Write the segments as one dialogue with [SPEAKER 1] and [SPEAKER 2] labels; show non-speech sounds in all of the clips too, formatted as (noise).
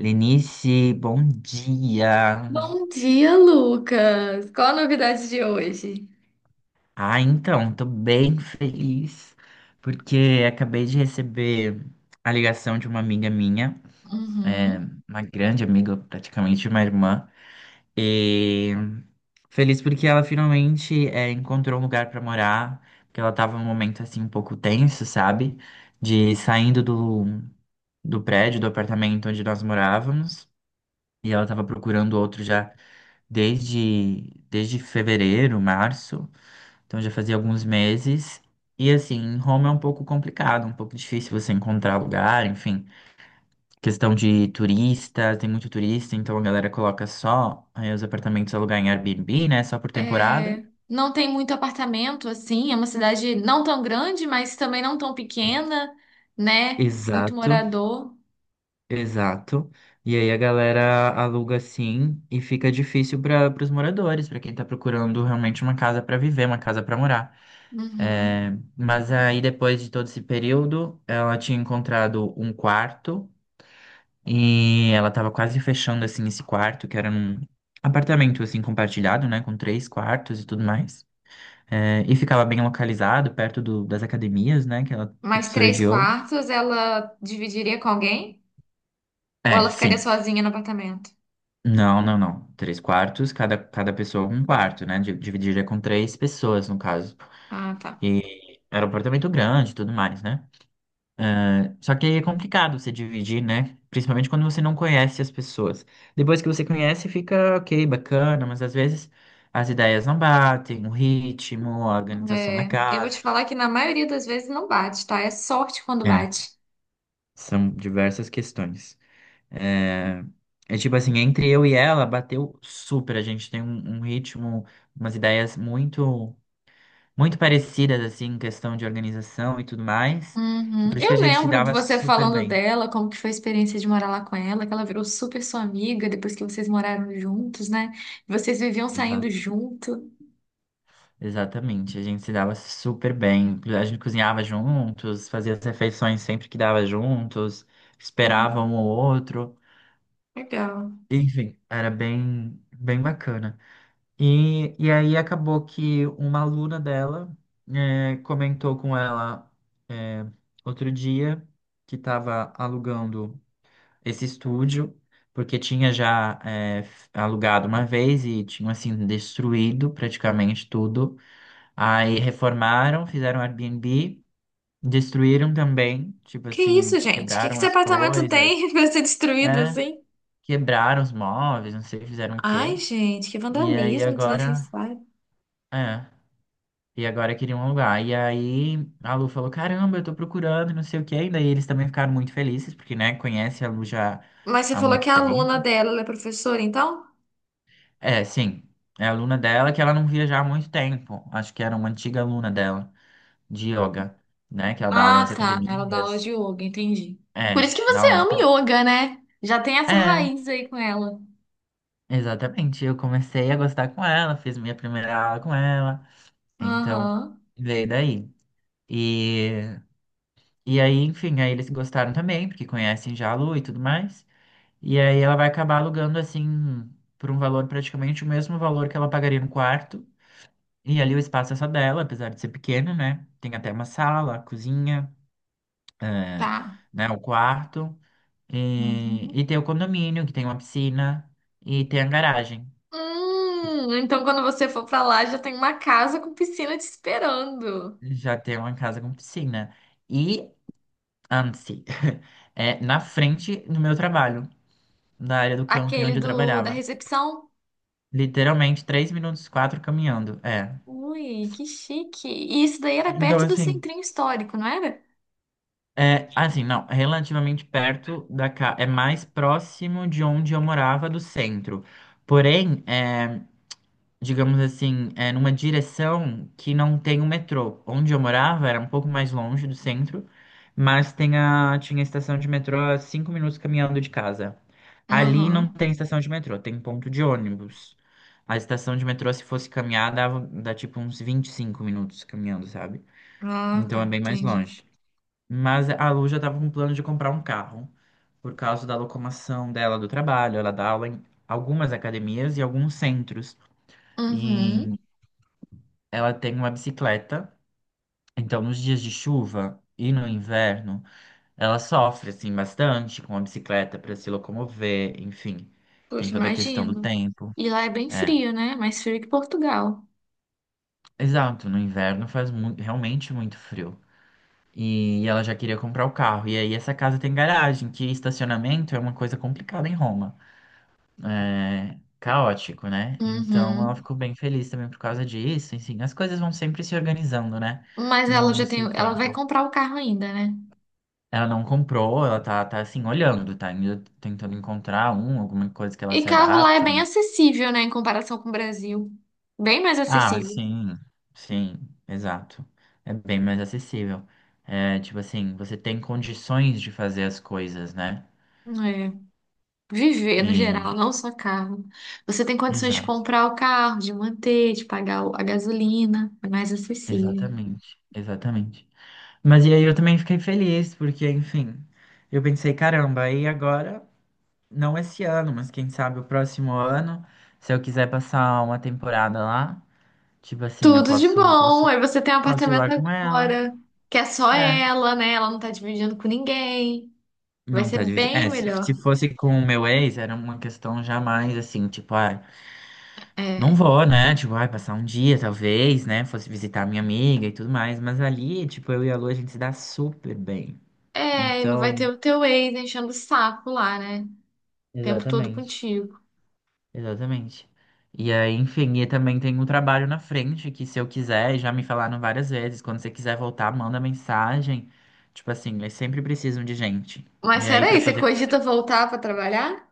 [SPEAKER 1] Lenice, bom dia.
[SPEAKER 2] Bom dia, Lucas. Qual a novidade de hoje?
[SPEAKER 1] Tô bem feliz porque acabei de receber a ligação de uma amiga minha, é,
[SPEAKER 2] Uhum.
[SPEAKER 1] uma grande amiga, praticamente uma irmã, e feliz porque ela finalmente encontrou um lugar pra morar, porque ela tava num momento assim um pouco tenso, sabe? De saindo do, do prédio, do apartamento onde nós morávamos, e ela tava procurando outro já. Desde fevereiro, março, então já fazia alguns meses. E assim, em Roma é um pouco complicado, um pouco difícil você encontrar lugar, enfim. Questão de turista, tem muito turista, então a galera coloca só aí os apartamentos alugar em Airbnb, né? Só por temporada.
[SPEAKER 2] É, não tem muito apartamento assim, é uma cidade não tão grande, mas também não tão pequena, né? Muito
[SPEAKER 1] Exato,
[SPEAKER 2] morador.
[SPEAKER 1] exato. E aí a galera aluga assim e fica difícil para os moradores, para quem tá procurando realmente uma casa para viver, uma casa para morar.
[SPEAKER 2] Uhum.
[SPEAKER 1] É, mas aí, depois de todo esse período, ela tinha encontrado um quarto e ela estava quase fechando assim esse quarto, que era num apartamento assim compartilhado, né, com três quartos e tudo mais. É, e ficava bem localizado, das academias, né, que ela é
[SPEAKER 2] Mas
[SPEAKER 1] professora
[SPEAKER 2] três
[SPEAKER 1] de yoga.
[SPEAKER 2] quartos ela dividiria com alguém? Ou
[SPEAKER 1] É,
[SPEAKER 2] ela ficaria
[SPEAKER 1] sim.
[SPEAKER 2] sozinha no apartamento?
[SPEAKER 1] Não, não, não. Três quartos, cada pessoa um quarto, né? Dividiria com três pessoas, no caso.
[SPEAKER 2] Ah, tá.
[SPEAKER 1] Era um apartamento grande e tudo mais, né? Só que aí é complicado você dividir, né? Principalmente quando você não conhece as pessoas. Depois que você conhece, fica ok, bacana, mas às vezes as ideias não batem, o ritmo, a organização da
[SPEAKER 2] É, eu vou
[SPEAKER 1] casa.
[SPEAKER 2] te falar que na maioria das vezes não bate, tá? É sorte quando
[SPEAKER 1] É,
[SPEAKER 2] bate.
[SPEAKER 1] são diversas questões. É, é tipo assim, entre eu e ela, bateu super. A gente tem um ritmo, umas ideias muito, muito parecidas, assim, em questão de organização e tudo mais. E
[SPEAKER 2] Uhum.
[SPEAKER 1] por isso que a
[SPEAKER 2] Eu
[SPEAKER 1] gente se
[SPEAKER 2] lembro de
[SPEAKER 1] dava
[SPEAKER 2] você
[SPEAKER 1] super
[SPEAKER 2] falando
[SPEAKER 1] bem.
[SPEAKER 2] dela, como que foi a experiência de morar lá com ela, que ela virou super sua amiga depois que vocês moraram juntos, né? Vocês viviam saindo
[SPEAKER 1] Exato.
[SPEAKER 2] junto.
[SPEAKER 1] Exatamente, a gente se dava super bem. A gente cozinhava juntos, fazia as refeições sempre que dava juntos, esperava
[SPEAKER 2] Hum,
[SPEAKER 1] um ou outro.
[SPEAKER 2] legal.
[SPEAKER 1] Enfim, era bem, bem bacana. E aí acabou que uma aluna dela comentou com ela eh, outro dia que estava alugando esse estúdio, porque tinha já alugado uma vez e tinha assim destruído praticamente tudo. Aí reformaram, fizeram Airbnb, destruíram também, tipo
[SPEAKER 2] Que
[SPEAKER 1] assim,
[SPEAKER 2] isso, gente? Que
[SPEAKER 1] quebraram
[SPEAKER 2] esse
[SPEAKER 1] as
[SPEAKER 2] apartamento
[SPEAKER 1] coisas,
[SPEAKER 2] tem (laughs) pra ser destruído
[SPEAKER 1] é,
[SPEAKER 2] assim?
[SPEAKER 1] quebraram os móveis, não sei, fizeram o
[SPEAKER 2] Ai,
[SPEAKER 1] quê.
[SPEAKER 2] gente, que
[SPEAKER 1] E aí
[SPEAKER 2] vandalismo
[SPEAKER 1] agora,
[SPEAKER 2] desnecessário.
[SPEAKER 1] é, e agora queriam um lugar. E aí a Lu falou, caramba, eu tô procurando, não sei o quê. E daí eles também ficaram muito felizes, porque, né, conhece a Lu já
[SPEAKER 2] Mas você
[SPEAKER 1] há
[SPEAKER 2] falou que
[SPEAKER 1] muito
[SPEAKER 2] a aluna
[SPEAKER 1] tempo.
[SPEAKER 2] dela, ela é professora, então?
[SPEAKER 1] É, sim, é aluna dela que ela não via já há muito tempo. Acho que era uma antiga aluna dela, de yoga, né, que ela dá aulas
[SPEAKER 2] Ah,
[SPEAKER 1] nas
[SPEAKER 2] tá. Ela dá aula de
[SPEAKER 1] academias.
[SPEAKER 2] yoga, entendi. Por
[SPEAKER 1] É,
[SPEAKER 2] isso que
[SPEAKER 1] da
[SPEAKER 2] você ama
[SPEAKER 1] música.
[SPEAKER 2] yoga, né? Já tem essa
[SPEAKER 1] É,
[SPEAKER 2] raiz aí com ela.
[SPEAKER 1] exatamente. Eu comecei a gostar com ela, fiz minha primeira aula com ela. Então,
[SPEAKER 2] Aham,
[SPEAKER 1] veio daí. E, e aí, enfim, aí eles gostaram também, porque conhecem já a Lu e tudo mais. E aí ela vai acabar alugando, assim, por um valor praticamente o mesmo valor que ela pagaria no quarto. E ali o espaço é só dela, apesar de ser pequeno, né? Tem até uma sala, a cozinha, eh,
[SPEAKER 2] tá.
[SPEAKER 1] né, o quarto. E
[SPEAKER 2] Uhum.
[SPEAKER 1] tem o condomínio, que tem uma piscina e tem a garagem.
[SPEAKER 2] Então quando você for pra lá, já tem uma casa com piscina te esperando.
[SPEAKER 1] Já tem uma casa com piscina. E antes, (laughs) é na frente do meu trabalho, da área do camping
[SPEAKER 2] Aquele
[SPEAKER 1] onde eu
[SPEAKER 2] do da
[SPEAKER 1] trabalhava.
[SPEAKER 2] recepção.
[SPEAKER 1] Literalmente, 3 minutos, quatro caminhando. É.
[SPEAKER 2] Ui, que chique. E isso daí era
[SPEAKER 1] Então,
[SPEAKER 2] perto do
[SPEAKER 1] assim,
[SPEAKER 2] centrinho histórico, não era?
[SPEAKER 1] é assim, não, relativamente perto da casa. É mais próximo de onde eu morava do centro. Porém, é. Digamos assim, é, numa direção que não tem o metrô. Onde eu morava era um pouco mais longe do centro, mas tinha estação de metrô a 5 minutos caminhando de casa. Ali não
[SPEAKER 2] Aham.
[SPEAKER 1] tem estação de metrô, tem ponto de ônibus. A estação de metrô, se fosse caminhar, dá tipo uns 25 minutos caminhando, sabe?
[SPEAKER 2] Ah, tá,
[SPEAKER 1] Então é bem mais
[SPEAKER 2] entendi.
[SPEAKER 1] longe. Mas a Lu já tava com plano de comprar um carro, por causa da locomoção dela do trabalho. Ela dá aula em algumas academias e alguns centros. E
[SPEAKER 2] Uhum.
[SPEAKER 1] ela tem uma bicicleta, então nos dias de chuva e no inverno, ela sofre assim bastante com a bicicleta para se locomover, enfim, tem
[SPEAKER 2] Poxa,
[SPEAKER 1] toda a questão do
[SPEAKER 2] imagino.
[SPEAKER 1] tempo.
[SPEAKER 2] E lá é bem
[SPEAKER 1] É,
[SPEAKER 2] frio, né? Mais frio que Portugal.
[SPEAKER 1] exato, no inverno realmente muito frio. E ela já queria comprar o carro. E aí essa casa tem garagem, que estacionamento é uma coisa complicada em Roma. É caótico, né? Então ela
[SPEAKER 2] Uhum.
[SPEAKER 1] ficou bem feliz também por causa disso. Enfim, as coisas vão sempre se organizando, né?
[SPEAKER 2] Mas ela
[SPEAKER 1] No
[SPEAKER 2] já tem,
[SPEAKER 1] seu
[SPEAKER 2] ela vai
[SPEAKER 1] tempo.
[SPEAKER 2] comprar o carro ainda, né?
[SPEAKER 1] Ela não comprou, ela tá assim, olhando, tá ainda tentando encontrar um, alguma coisa que ela
[SPEAKER 2] E
[SPEAKER 1] se
[SPEAKER 2] carro lá é
[SPEAKER 1] adapte.
[SPEAKER 2] bem acessível, né, em comparação com o Brasil. Bem mais
[SPEAKER 1] Ah,
[SPEAKER 2] acessível.
[SPEAKER 1] sim, sim, exato. É bem mais acessível. É, tipo assim, você tem condições de fazer as coisas, né?
[SPEAKER 2] É Viver no geral,
[SPEAKER 1] E,
[SPEAKER 2] não só carro. Você tem condições de
[SPEAKER 1] exato,
[SPEAKER 2] comprar o carro, de manter, de pagar a gasolina, é mais acessível.
[SPEAKER 1] exatamente, exatamente. Mas e aí eu também fiquei feliz, porque, enfim, eu pensei, caramba, e agora, não esse ano, mas quem sabe o próximo ano, se eu quiser passar uma temporada lá. Tipo assim, eu
[SPEAKER 2] Tudo de
[SPEAKER 1] posso,
[SPEAKER 2] bom.
[SPEAKER 1] posso
[SPEAKER 2] Aí você tem um
[SPEAKER 1] Posso ir
[SPEAKER 2] apartamento
[SPEAKER 1] lá com ela?
[SPEAKER 2] agora, que é só
[SPEAKER 1] É.
[SPEAKER 2] ela, né? Ela não tá dividindo com ninguém. Vai
[SPEAKER 1] Não
[SPEAKER 2] ser
[SPEAKER 1] tá dividido.
[SPEAKER 2] bem
[SPEAKER 1] É, se
[SPEAKER 2] melhor.
[SPEAKER 1] fosse com o meu ex, era uma questão jamais assim, tipo, ah, não
[SPEAKER 2] É.
[SPEAKER 1] vou, né? Tipo, ai, passar um dia, talvez, né? Fosse visitar minha amiga e tudo mais. Mas ali, tipo, eu e a Lu, a gente se dá super bem.
[SPEAKER 2] É, e não vai
[SPEAKER 1] Então,
[SPEAKER 2] ter o teu ex enchendo o saco lá, né? O tempo todo
[SPEAKER 1] exatamente.
[SPEAKER 2] contigo.
[SPEAKER 1] Exatamente. E aí, enfim, e também tem um trabalho na frente que se eu quiser, já me falaram várias vezes, quando você quiser voltar, manda mensagem. Tipo assim, eles sempre precisam de gente. E
[SPEAKER 2] Mas
[SPEAKER 1] aí, pra
[SPEAKER 2] peraí, você
[SPEAKER 1] fazer
[SPEAKER 2] cogita voltar pra trabalhar?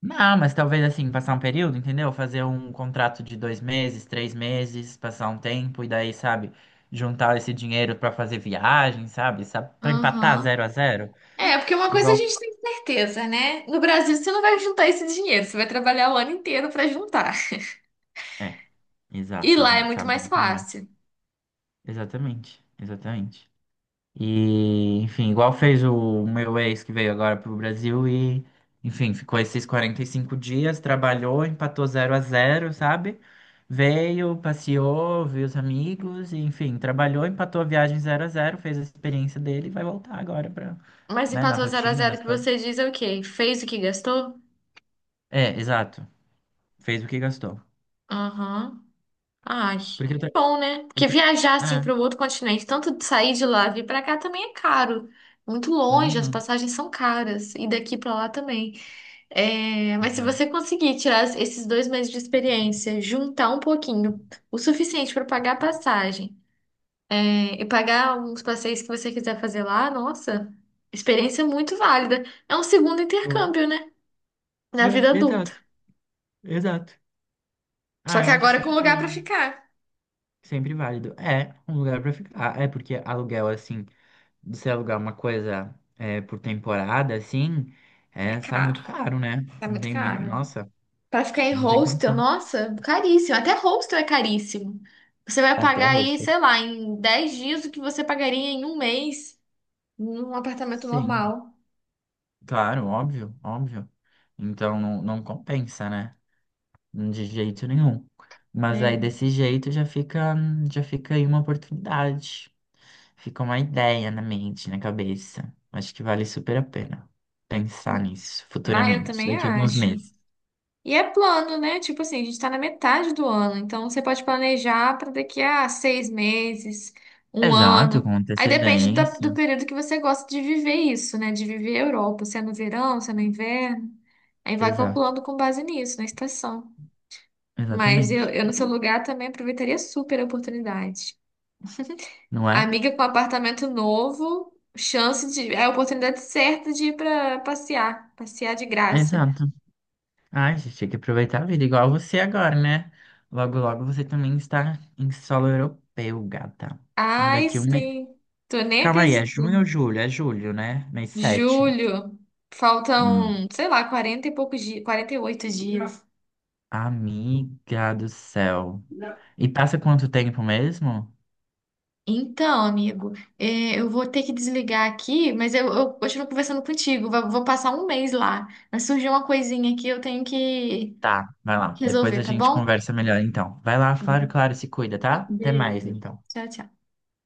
[SPEAKER 1] Não, mas talvez assim, passar um período, entendeu? Fazer um contrato de 2 meses, 3 meses, passar um tempo e daí, sabe, juntar esse dinheiro pra fazer viagem, sabe? Sabe, para empatar
[SPEAKER 2] Aham.
[SPEAKER 1] zero a zero.
[SPEAKER 2] É, porque uma coisa a
[SPEAKER 1] Igual.
[SPEAKER 2] gente tem certeza, né? No Brasil você não vai juntar esse dinheiro, você vai trabalhar o ano inteiro pra juntar.
[SPEAKER 1] É,
[SPEAKER 2] E
[SPEAKER 1] exato, a
[SPEAKER 2] lá é
[SPEAKER 1] gente
[SPEAKER 2] muito
[SPEAKER 1] sabe
[SPEAKER 2] mais
[SPEAKER 1] bem como é.
[SPEAKER 2] fácil.
[SPEAKER 1] Exatamente, exatamente. E, enfim, igual fez o meu ex que veio agora pro Brasil e, enfim, ficou esses 45 dias, trabalhou, empatou zero a zero sabe? Veio, passeou, viu os amigos, e, enfim, trabalhou, empatou a viagem zero a zero fez a experiência dele e vai voltar agora pra,
[SPEAKER 2] Mas
[SPEAKER 1] né, na
[SPEAKER 2] empatou zero a
[SPEAKER 1] rotina,
[SPEAKER 2] zero
[SPEAKER 1] nas
[SPEAKER 2] que
[SPEAKER 1] coisas.
[SPEAKER 2] você diz é o quê? Fez o que gastou?
[SPEAKER 1] É, exato. Fez o que gastou.
[SPEAKER 2] Aham. Ai,
[SPEAKER 1] Porque
[SPEAKER 2] bom, né?
[SPEAKER 1] o
[SPEAKER 2] Porque
[SPEAKER 1] tra-
[SPEAKER 2] viajar
[SPEAKER 1] É,
[SPEAKER 2] assim para o outro continente, tanto de sair de lá e vir para cá também é caro. Muito longe, as
[SPEAKER 1] uhum,
[SPEAKER 2] passagens são caras. E daqui para lá também. É, mas se
[SPEAKER 1] exato.
[SPEAKER 2] você conseguir tirar esses 2 meses de experiência, juntar um pouquinho, o suficiente para pagar a passagem e pagar uns passeios que você quiser fazer lá, nossa, experiência muito válida. É um segundo
[SPEAKER 1] Não é?
[SPEAKER 2] intercâmbio, né? Na
[SPEAKER 1] É,
[SPEAKER 2] vida adulta.
[SPEAKER 1] exato, exato.
[SPEAKER 2] Só
[SPEAKER 1] Ah, eu
[SPEAKER 2] que
[SPEAKER 1] acho
[SPEAKER 2] agora é com lugar pra
[SPEAKER 1] sempre.
[SPEAKER 2] ficar.
[SPEAKER 1] Sempre válido. É um lugar pra ficar. Ah, É porque aluguel, assim, de se alugar uma coisa é, por temporada, assim,
[SPEAKER 2] É
[SPEAKER 1] é, sai
[SPEAKER 2] caro.
[SPEAKER 1] muito caro, né?
[SPEAKER 2] Tá
[SPEAKER 1] Não
[SPEAKER 2] muito
[SPEAKER 1] tem mínimo.
[SPEAKER 2] caro.
[SPEAKER 1] Nossa,
[SPEAKER 2] Pra ficar em
[SPEAKER 1] não tem
[SPEAKER 2] hostel,
[SPEAKER 1] condição.
[SPEAKER 2] nossa, caríssimo. Até hostel é caríssimo. Você vai
[SPEAKER 1] Até
[SPEAKER 2] pagar aí,
[SPEAKER 1] hostel.
[SPEAKER 2] sei lá, em 10 dias o que você pagaria em um mês num apartamento
[SPEAKER 1] Sim,
[SPEAKER 2] normal.
[SPEAKER 1] claro, óbvio, óbvio. Então não, não compensa, né? De jeito nenhum. Mas aí
[SPEAKER 2] Né?
[SPEAKER 1] desse jeito já fica aí uma oportunidade. Fica uma ideia na mente, na cabeça. Acho que vale super a pena pensar nisso
[SPEAKER 2] Ah, eu
[SPEAKER 1] futuramente,
[SPEAKER 2] também
[SPEAKER 1] daqui a alguns
[SPEAKER 2] acho.
[SPEAKER 1] meses.
[SPEAKER 2] E é plano, né? Tipo assim, a gente tá na metade do ano, então você pode planejar para daqui a 6 meses, um
[SPEAKER 1] Exato,
[SPEAKER 2] ano.
[SPEAKER 1] com
[SPEAKER 2] Aí depende
[SPEAKER 1] antecedência.
[SPEAKER 2] do, período que você gosta de viver isso, né? De viver a Europa, se é no verão, se é no inverno. Aí vai
[SPEAKER 1] Exato,
[SPEAKER 2] calculando com base nisso, na estação. Mas eu,
[SPEAKER 1] exatamente.
[SPEAKER 2] eu no seu lugar também aproveitaria super a oportunidade.
[SPEAKER 1] Não é?
[SPEAKER 2] Amiga com apartamento novo, chance de, é a oportunidade certa de ir para passear, passear de graça.
[SPEAKER 1] Exato. Ai, gente, tem que aproveitar a vida, igual você agora, né? Logo, logo você também está em solo europeu, gata.
[SPEAKER 2] Ai,
[SPEAKER 1] Daqui um mês.
[SPEAKER 2] sim. Tô nem
[SPEAKER 1] Calma aí, é
[SPEAKER 2] acreditando.
[SPEAKER 1] junho ou julho? É julho, né? Mês 7.
[SPEAKER 2] Julho,
[SPEAKER 1] Hum.
[SPEAKER 2] faltam, sei lá, 40 e poucos dias, 48 dias.
[SPEAKER 1] Amiga do céu. E passa quanto tempo mesmo?
[SPEAKER 2] Então, amigo, é, eu, vou ter que desligar aqui, mas eu continuo conversando contigo. Vou passar um mês lá. Mas surgiu uma coisinha aqui, eu tenho que
[SPEAKER 1] Tá, vai lá. Depois
[SPEAKER 2] resolver,
[SPEAKER 1] a
[SPEAKER 2] tá
[SPEAKER 1] gente
[SPEAKER 2] bom?
[SPEAKER 1] conversa melhor, então. Vai lá,
[SPEAKER 2] É.
[SPEAKER 1] claro, claro, se cuida, tá? Até mais,
[SPEAKER 2] Beijo.
[SPEAKER 1] então.
[SPEAKER 2] Tchau, tchau.